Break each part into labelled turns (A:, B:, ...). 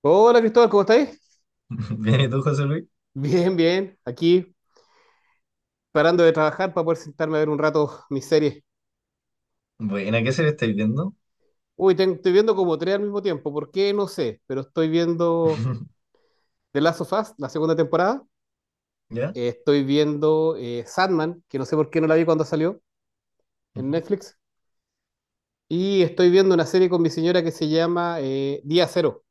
A: Hola Cristóbal, ¿cómo estáis?
B: Bien, ¿y tú, José Luis?
A: Bien, bien. Aquí parando de trabajar para poder sentarme a ver un rato mis series.
B: Buena, ¿qué serie estáis viendo?
A: Uy, estoy viendo como tres al mismo tiempo. ¿Por qué? No sé. Pero estoy viendo The Last of Us, la segunda temporada.
B: ¿Ya?
A: Estoy viendo Sandman, que no sé por qué no la vi cuando salió en
B: Ujú.
A: Netflix. Y estoy viendo una serie con mi señora que se llama Día Cero,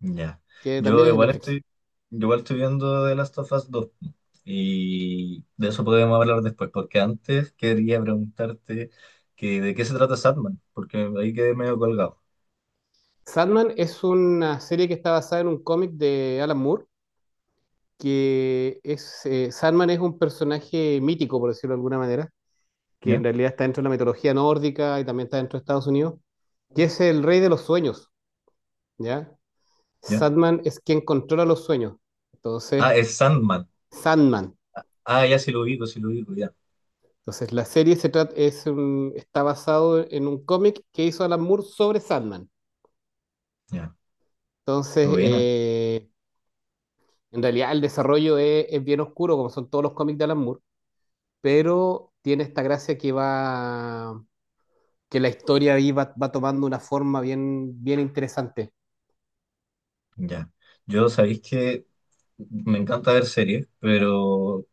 B: Ya.
A: que
B: Yo
A: también es en
B: igual
A: Netflix.
B: estoy, yo igual estoy viendo The Last of Us 2. Y de eso podemos hablar después, porque antes quería preguntarte que de qué se trata Sandman, porque ahí quedé medio colgado.
A: Sandman es una serie que está basada en un cómic de Alan Moore Sandman es un personaje mítico, por decirlo de alguna manera, que en
B: ¿Ya?
A: realidad está dentro de la mitología nórdica y también está dentro de Estados Unidos, que es el rey de los sueños, ¿ya?
B: ¿Ya?
A: Sandman es quien controla los sueños, entonces,
B: Ah, es Sandman.
A: Sandman.
B: Ah, ya sí lo ubico, ya.
A: Entonces, la serie se trata, está basado en un cómic que hizo Alan Moore sobre Sandman.
B: Ya.
A: Entonces,
B: Qué buena.
A: en realidad el desarrollo es bien oscuro, como son todos los cómics de Alan Moore, pero tiene esta gracia que la historia ahí va tomando una forma bien, bien interesante.
B: Ya. Yo sabéis que me encanta ver series, pero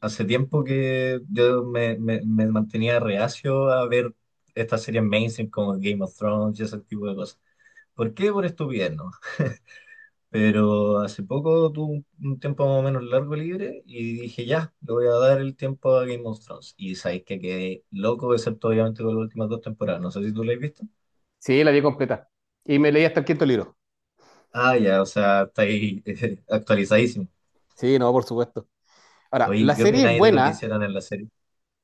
B: hace tiempo que yo me mantenía reacio a ver estas series mainstream como Game of Thrones y ese tipo de cosas. ¿Por qué? Por estupidez, ¿no? Pero hace poco tuve un tiempo más o menos largo libre y dije, ya, le voy a dar el tiempo a Game of Thrones. Y sabéis que quedé loco, excepto obviamente con las últimas dos temporadas. No sé si tú lo has visto.
A: Sí, la vi completa. Y me leí hasta el quinto libro.
B: Ah, ya, o sea, está ahí actualizadísimo.
A: Sí, no, por supuesto. Ahora,
B: Oye,
A: la
B: ¿qué
A: serie es
B: opináis de lo que
A: buena.
B: hicieron en la serie?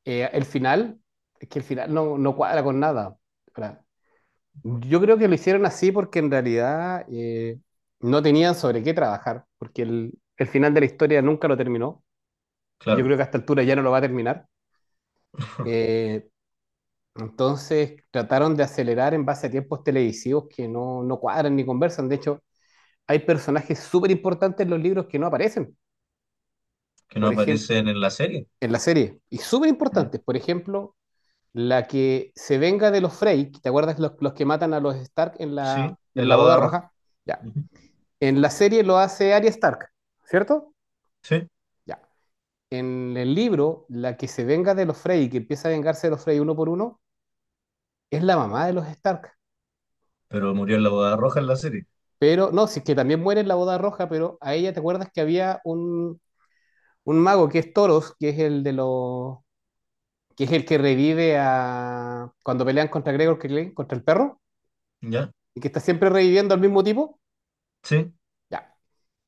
A: El final, es que el final no cuadra con nada. Ahora, yo creo que lo hicieron así porque en realidad no tenían sobre qué trabajar, porque el final de la historia nunca lo terminó. Yo
B: Claro,
A: creo que a esta altura ya no lo va a terminar. Eh, entonces trataron de acelerar en base a tiempos televisivos que no cuadran ni conversan. De hecho, hay personajes súper importantes en los libros que no aparecen,
B: que no
A: por ejemplo,
B: aparecen en la serie,
A: en la serie, y súper
B: ¿ya?
A: importantes, por ejemplo, la que se venga de los Frey, ¿te acuerdas los que matan a los Stark en la,
B: Sí,
A: en
B: en
A: la
B: la
A: boda
B: boda roja.
A: roja? Ya.
B: Ujú.
A: En la serie lo hace Arya Stark, ¿cierto?
B: Sí.
A: Ya. En el libro, la que se venga de los Frey y que empieza a vengarse de los Frey uno por uno, es la mamá de los Stark.
B: Pero murió en la boda roja en la serie,
A: Pero, no, sí, que también muere en la boda roja, pero a ella, ¿te acuerdas que había un mago que es Toros, que es el que revive a cuando pelean contra Gregor Clegane, contra el perro,
B: ¿ya?
A: y que está siempre reviviendo al mismo tipo,
B: Sí.
A: ya.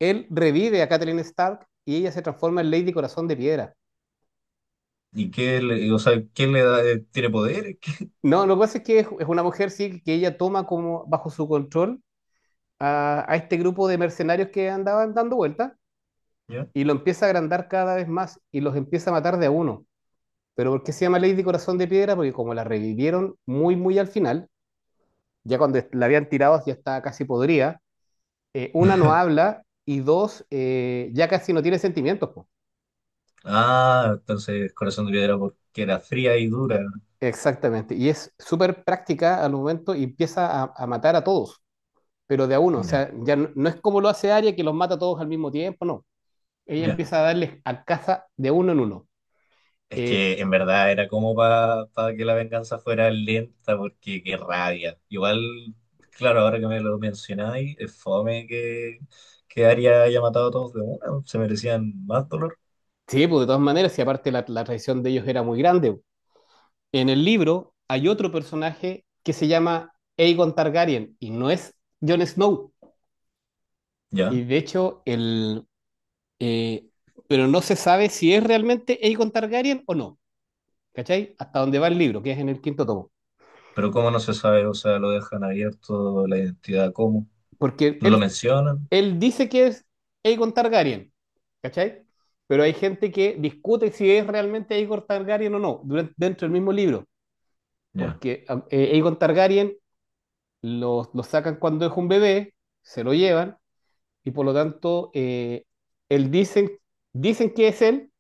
A: Él revive a Catelyn Stark y ella se transforma en Lady Corazón de Piedra.
B: ¿Y qué le, o sea, quién le da, tiene poder? ¿Qué?
A: No, lo que pasa es que es una mujer, sí, que ella toma como bajo su control a este grupo de mercenarios que andaban dando vueltas
B: ¿Ya?
A: y lo empieza a agrandar cada vez más y los empieza a matar de a uno. Pero ¿por qué se llama Lady Corazón de Piedra? Porque como la revivieron muy, muy al final, ya cuando la habían tirado ya estaba casi podrida, una no habla y dos, ya casi no tiene sentimientos. Po.
B: Ah, entonces Corazón de Piedra porque era fría y dura.
A: Exactamente. Y es súper práctica al momento y empieza a matar a todos, pero de a uno. O
B: Ya,
A: sea, ya no es como lo hace Arya que los mata a todos al mismo tiempo, no. Ella
B: ya.
A: empieza a darles a casa de uno en uno.
B: Es
A: Eh,
B: que en verdad era como para que la venganza fuera lenta, porque qué rabia. Igual, claro, ahora que me lo mencionáis, es fome que, Arya haya matado a todos de una, se merecían más dolor.
A: sí, pues de todas maneras, y aparte la traición de ellos era muy grande. En el libro hay otro personaje que se llama Aegon Targaryen y no es Jon Snow.
B: Ya,
A: Y de hecho, Eh, pero no se sabe si es realmente Aegon Targaryen o no, ¿cachai? Hasta donde va el libro, que es en el quinto tomo.
B: pero cómo no se sabe, o sea, lo dejan abierto, la identidad, ¿cómo?
A: Porque
B: No lo
A: él,
B: mencionan.
A: él dice que es Aegon Targaryen, ¿cachai? Pero hay gente que discute si es realmente Aegon Targaryen o no, dentro del mismo libro.
B: Ya.
A: Porque Aegon Targaryen lo sacan cuando es un bebé, se lo llevan, y por lo tanto, él dicen, que es él,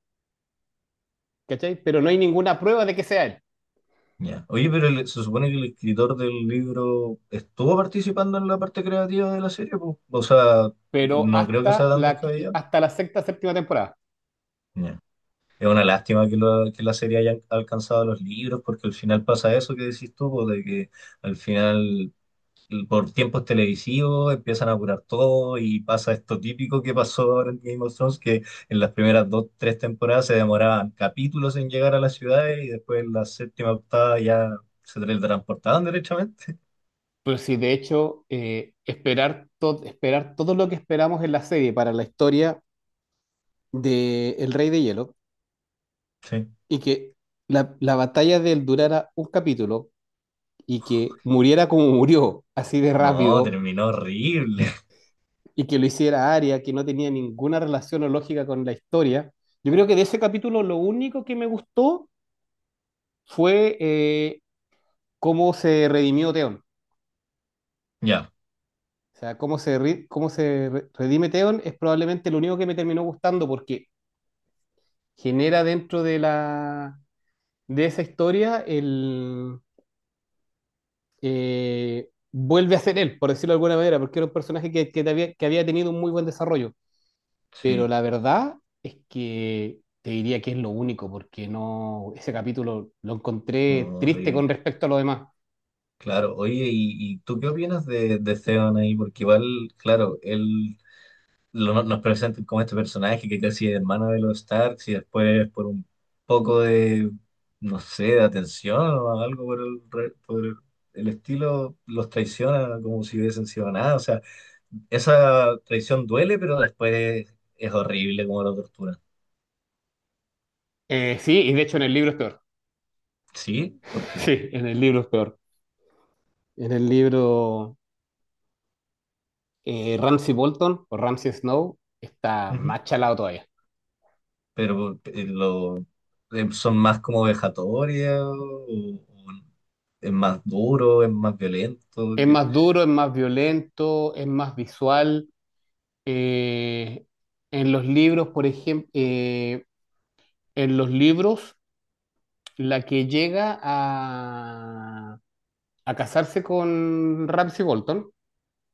A: ¿cachai? Pero no hay ninguna prueba de que sea él.
B: Ya. Oye, pero el- se supone que... el escritor del libro estuvo participando en la parte creativa de la serie, pues. O sea,
A: Pero
B: no creo que sea
A: hasta
B: tan
A: la, qui-
B: descabellado.
A: hasta la sexta, séptima temporada.
B: Ya. Es una lástima que, lo- que la serie haya alcanzado los libros, porque al final pasa eso que decís tú, pues, de que al final, por tiempos televisivos, empiezan a apurar todo y pasa esto típico que pasó ahora en Game of Thrones, que en las primeras dos, tres temporadas se demoraban capítulos en llegar a las ciudades y después en la séptima, octava ya se teletransportaban derechamente.
A: Pero sí, de hecho, esperar todo lo que esperamos en la serie para la historia de El Rey de Hielo
B: Sí.
A: y que la batalla de él durara un capítulo y que muriera como murió, así de
B: No,
A: rápido,
B: terminó horrible.
A: y que lo hiciera Arya, que no tenía ninguna relación o lógica con la historia. Yo creo que de ese capítulo lo único que me gustó fue cómo se redimió Theon.
B: Ya,
A: O sea, cómo se redime Theon es probablemente lo único que me terminó gustando porque genera dentro de esa historia el vuelve a ser él, por decirlo de alguna manera, porque era un personaje que que había tenido un muy buen desarrollo. Pero
B: sí,
A: la verdad es que te diría que es lo único, porque no, ese capítulo lo
B: no,
A: encontré triste
B: horrible.
A: con respecto a lo demás.
B: Claro, oye, y tú qué opinas de Theon ahí? Porque igual, claro, él lo- no, nos presentan como este personaje que casi es hermano de los Starks y después por un poco de, no sé, de atención o algo por el, re- por el estilo, los traiciona como si hubiesen sido nada. O sea, esa traición duele, pero después es horrible como la tortura.
A: Sí, y de hecho en el libro es peor.
B: Sí, ¿por qué?
A: Sí, en el libro es peor. En el libro. Ramsay Bolton o Ramsay Snow está más chalado todavía.
B: Pero lo, son más como vejatorias o es más duro, es más violento.
A: Es
B: Que-
A: más duro, es más violento, es más visual. Eh, en los libros, por ejemplo, en los libros, la que llega a casarse con Ramsay Bolton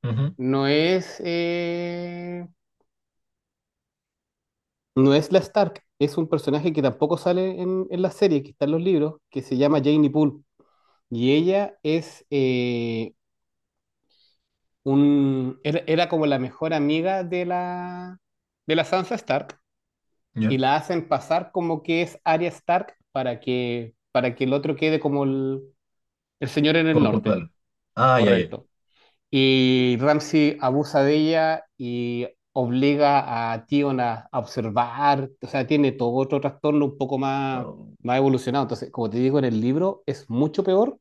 B: Ujú,
A: no es, eh, no es la Stark, es un personaje que tampoco sale en la serie, que está en los libros, que se llama Janie Poole. Y ella era como la mejor amiga de la, Sansa Stark y
B: ya,
A: la hacen pasar como que es Arya Stark para que el otro quede como el señor en el
B: Con
A: norte,
B: culpable. Ah, ya, ya.
A: correcto. Y Ramsay abusa de ella y obliga a Tion a observar, o sea, tiene todo otro trastorno un poco más,
B: Oh,
A: más evolucionado. Entonces, como te digo, en el libro es mucho peor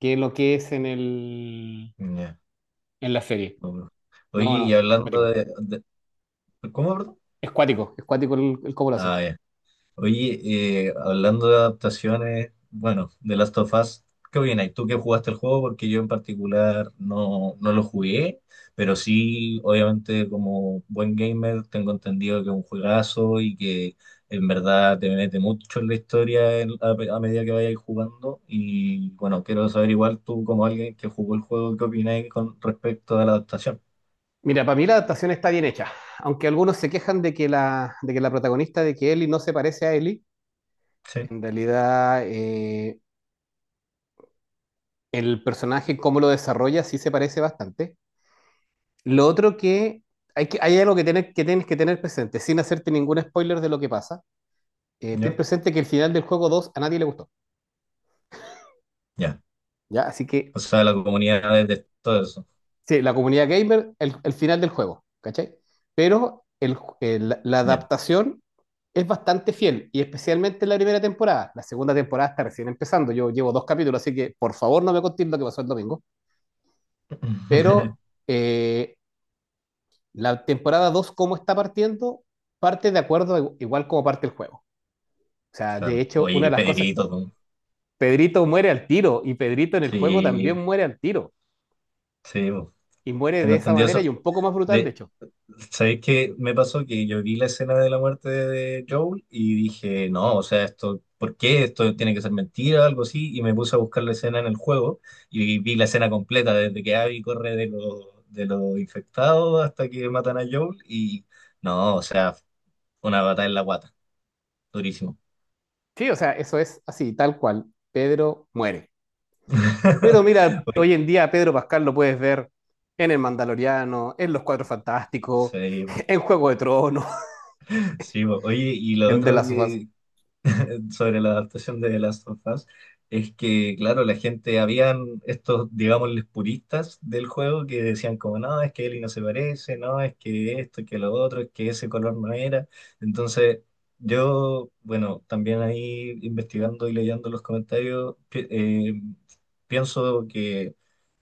A: que lo que es
B: ya.
A: en la serie.
B: no, no. Oye,
A: No,
B: y
A: no,
B: hablando
A: cuático.
B: de- ¿Cómo, perdón?
A: Es cuático, es cuático el cómo lo hace.
B: Ah, ya. Oye, hablando de adaptaciones, bueno, de Last of Us, ¿qué opinas? ¿Tú que jugaste el juego? Porque yo en particular no, no lo jugué, pero sí, obviamente como buen gamer tengo entendido que es un juegazo y que en verdad te mete mucho en la historia en- a medida que vayas jugando. Y bueno, quiero saber igual tú como alguien que jugó el juego, ¿qué opinas con respecto a la adaptación?
A: Mira, para mí la adaptación está bien hecha, aunque algunos se quejan de que la protagonista, de que Ellie no se parece a Ellie,
B: ¿Sí?
A: en realidad el personaje, cómo lo desarrolla, sí se parece bastante. Lo otro que hay, hay algo que, tener, que tienes que tener presente, sin hacerte ningún spoiler de lo que pasa, ten
B: ¿Ya?
A: presente que el final del juego 2 a nadie le gustó,
B: Ya.
A: ¿ya? Así que
B: O sea, la comunidad de todo eso.
A: sí, la comunidad gamer, el final del juego, ¿cachai? Pero la
B: Ya.
A: adaptación es bastante fiel, y especialmente en la primera temporada. La segunda temporada está recién empezando, yo llevo dos capítulos, así que por favor no me contéis lo que pasó el domingo. Pero eh, la temporada dos, ¿cómo está partiendo? Parte de acuerdo igual como parte el juego. O sea, de
B: Claro.
A: hecho,
B: Oye,
A: una
B: qué
A: de las cosas,
B: Pedrito, tú.
A: Pedrito muere al tiro, y Pedrito en el juego
B: Sí,
A: también muere al tiro,
B: sí, bo.
A: y muere
B: Tengo
A: de esa
B: entendido
A: manera
B: eso.
A: y un poco más brutal, de
B: De,
A: hecho.
B: ¿sabéis qué me pasó? Que yo vi la escena de la muerte de Joel y dije, no, o sea, esto, ¿por qué? Esto tiene que ser mentira, algo así. Y me puse a buscar la escena en el juego y vi la escena completa, desde que Abby corre de los infectados hasta que matan a Joel. Y no, o sea, una batalla en la guata, durísimo.
A: Sí, o sea, eso es así, tal cual. Pedro muere. Pero mira, hoy en día Pedro Pascal lo puedes ver en El Mandaloriano, en Los Cuatro Fantásticos,
B: Sí, bo.
A: en Juego de Tronos,
B: Sí, bo. Oye, y lo
A: en The
B: otro
A: Last of Us.
B: que, sobre la adaptación de The Last of Us es que, claro, la gente, habían estos, digámosles, puristas del juego que decían como, no, es que Ellie no se parece, no, es que esto, que lo otro, es que ese color no era. Entonces, yo, bueno, también ahí investigando y leyendo los comentarios, pi- pienso que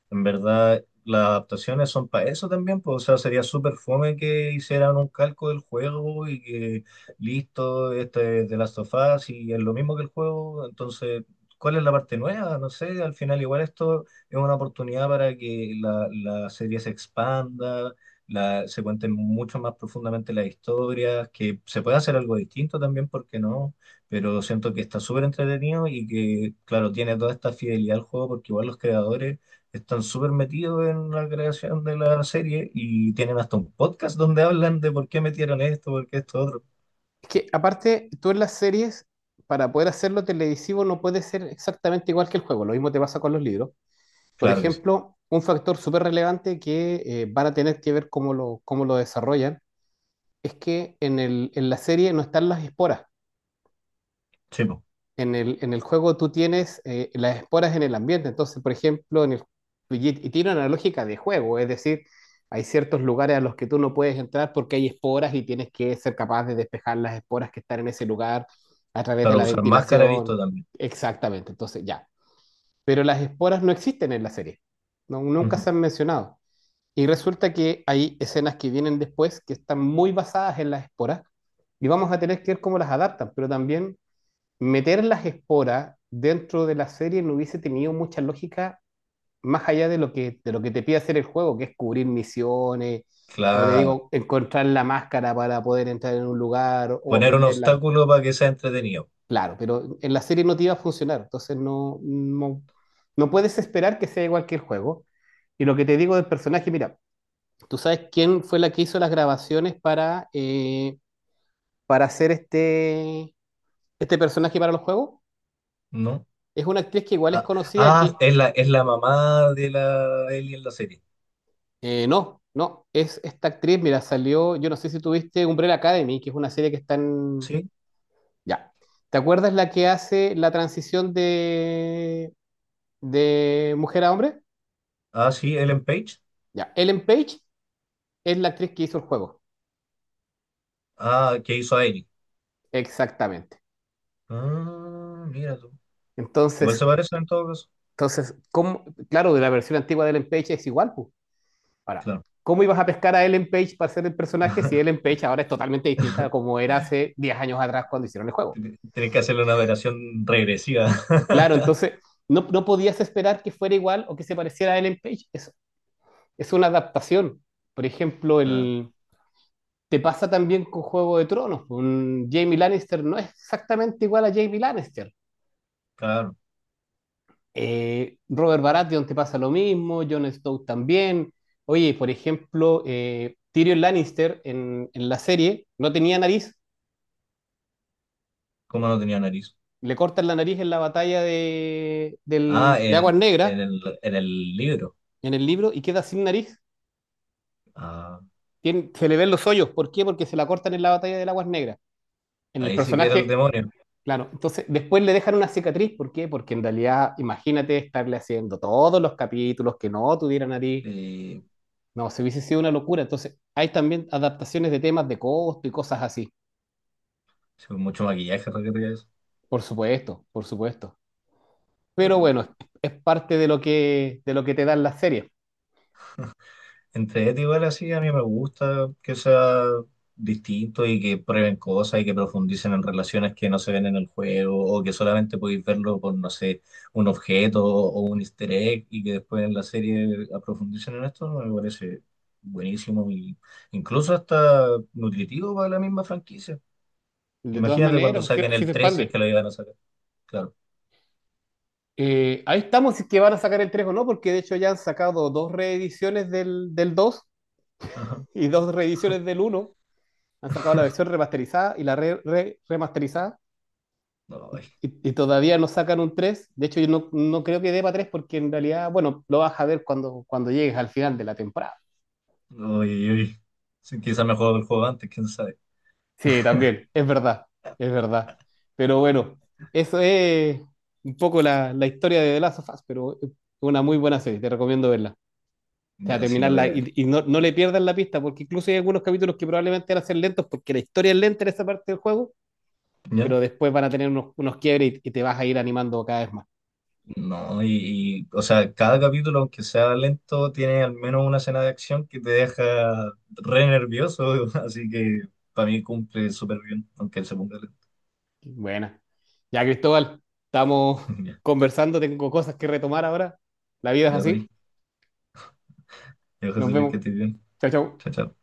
B: en verdad, las adaptaciones son para eso también, pues, o sea, sería súper fome que hicieran un calco del juego y que listo, este es The Last of Us y es lo mismo que el juego, entonces, ¿cuál es la parte nueva? No sé, al final igual esto es una oportunidad para que la serie se expanda, la, se cuenten mucho más profundamente las historias, que se pueda hacer algo distinto también, ¿por qué no? pero siento que está súper entretenido y que, claro, tiene toda esta fidelidad al juego porque igual los creadores están súper metidos en la creación de la serie y tienen hasta un podcast donde hablan de por qué metieron esto, por qué esto otro.
A: Es que aparte, tú en las series, para poder hacerlo televisivo, no puede ser exactamente igual que el juego. Lo mismo te pasa con los libros. Por
B: Claro que sí.
A: ejemplo, un factor súper relevante que van a tener que ver cómo lo, desarrollan es que en la serie no están las esporas.
B: Sí, po.
A: En el juego tú tienes las esporas en el ambiente, entonces, por ejemplo, en el, y tiene una lógica de juego, es decir, hay ciertos lugares a los que tú no puedes entrar porque hay esporas y tienes que ser capaz de despejar las esporas que están en ese lugar a través de
B: Claro,
A: la
B: usar máscara he visto
A: ventilación,
B: también.
A: exactamente, entonces ya. Pero las esporas no existen en la serie, no, nunca
B: Ujú.
A: se han mencionado. Y resulta que hay escenas que vienen después que están muy basadas en las esporas y vamos a tener que ver cómo las adaptan, pero también meter las esporas dentro de la serie no hubiese tenido mucha lógica más allá de lo que, te pide hacer el juego, que es cubrir misiones, como te
B: Claro.
A: digo, encontrar la máscara para poder entrar en un lugar o
B: Poner un
A: aprenderla.
B: obstáculo para que sea entretenido,
A: Claro, pero en la serie no te iba a funcionar, entonces no puedes esperar que sea igual que el juego. Y lo que te digo del personaje, mira, ¿tú sabes quién fue la que hizo las grabaciones para hacer este, personaje para los juegos?
B: ¿no?
A: Es una actriz que igual es
B: Ah,
A: conocida,
B: ah,
A: que
B: es la mamá de la Ellie en la serie.
A: No, no, es esta actriz, mira, salió, yo no sé si tuviste Umbrella Academy, que es una serie que está en...
B: Sí.
A: Ya. ¿Te acuerdas la que hace la transición de mujer a hombre?
B: Ah, sí, Ellen Page.
A: Ya. Ellen Page es la actriz que hizo el juego.
B: Ah, que hizo a Ellie.
A: Exactamente.
B: Ah, mira tú. Igual
A: Entonces,
B: se parecen en todo caso.
A: entonces, ¿cómo? Claro, de la versión antigua de Ellen Page es igual, pues. Ahora,
B: Claro.
A: ¿cómo ibas a pescar a Ellen Page para ser el personaje si Ellen Page ahora es totalmente distinta a como era hace 10 años atrás cuando hicieron el juego?
B: Tienes que hacerle una operación regresiva.
A: Claro, entonces no podías esperar que fuera igual o que se pareciera a Ellen Page. Es una adaptación. Por ejemplo,
B: Ah,
A: te pasa también con Juego de Tronos, pues. Un Jaime Lannister no es exactamente igual a Jaime Lannister.
B: Claro.
A: Robert Baratheon te pasa lo mismo, Jon Snow también. Oye, por ejemplo, Tyrion Lannister en la serie no tenía nariz,
B: ¿Cómo no tenía nariz?
A: le cortan la nariz en la batalla
B: Ah,
A: de Aguas Negras,
B: en el libro.
A: en el libro, y queda sin nariz.
B: Ah,
A: Tien- se le ven los hoyos. ¿Por qué? Porque se la cortan en la batalla del Aguas Negras. En el
B: ahí sí que era el
A: personaje,
B: demonio.
A: claro. Entonces, después le dejan una cicatriz. ¿Por qué? Porque en realidad, imagínate estarle haciendo todos los capítulos que no tuviera nariz.
B: Y
A: No, se hubiese sido una locura. Entonces, hay también adaptaciones de temas de costo y cosas así.
B: sí, con mucho maquillaje, requería eso.
A: Por supuesto, por supuesto. Pero
B: Terrible.
A: bueno, es parte de lo que te dan las series.
B: Entre Ed igual así, a mí me gusta que sea distinto y que prueben cosas y que profundicen en relaciones que no se ven en el juego o que solamente podéis verlo por, no sé, un objeto o un easter egg y que después en la serie profundicen en esto, me parece buenísimo y incluso hasta nutritivo para la misma franquicia.
A: De todas
B: Imagínate cuando
A: maneras, así,
B: saquen
A: así
B: el
A: se
B: 3, si es
A: expande.
B: que lo iban a sacar. Claro.
A: Ahí estamos, si es que van a sacar el 3 o no, porque de hecho ya han sacado dos reediciones del 2
B: Ajá.
A: y dos reediciones del uno. Han sacado la versión remasterizada y la remasterizada.
B: Ay,
A: Y todavía no sacan un tres. De hecho, yo no creo que dé para 3 porque en realidad, bueno, lo vas a ver cuando llegues al final de la temporada.
B: no, uy, uy. Sí, quizá me juego el juego antes, quién sabe.
A: Sí, también, es verdad, es verdad. Pero bueno, eso es un poco la historia de The Last of Us, pero es una muy buena serie, te recomiendo verla. O sea,
B: Ya, sí la voy a
A: terminarla
B: ver.
A: y no le pierdas la pista, porque incluso hay algunos capítulos que probablemente van a ser lentos porque la historia es lenta en esa parte del juego,
B: ¿Ya?
A: pero después van a tener unos quiebres y te vas a ir animando cada vez más.
B: No, y, o sea, cada capítulo, aunque sea lento, tiene al menos una escena de acción que te deja re nervioso, así que para mí cumple súper bien, aunque él se ponga lento.
A: Buena. Ya, Cristóbal, estamos
B: Ya,
A: conversando, tengo cosas que retomar ahora. La vida es
B: ya,
A: así.
B: Rey. Ya,
A: Nos
B: José Luis, que
A: vemos.
B: estés bien.
A: Chao, chao.
B: Chao, chao.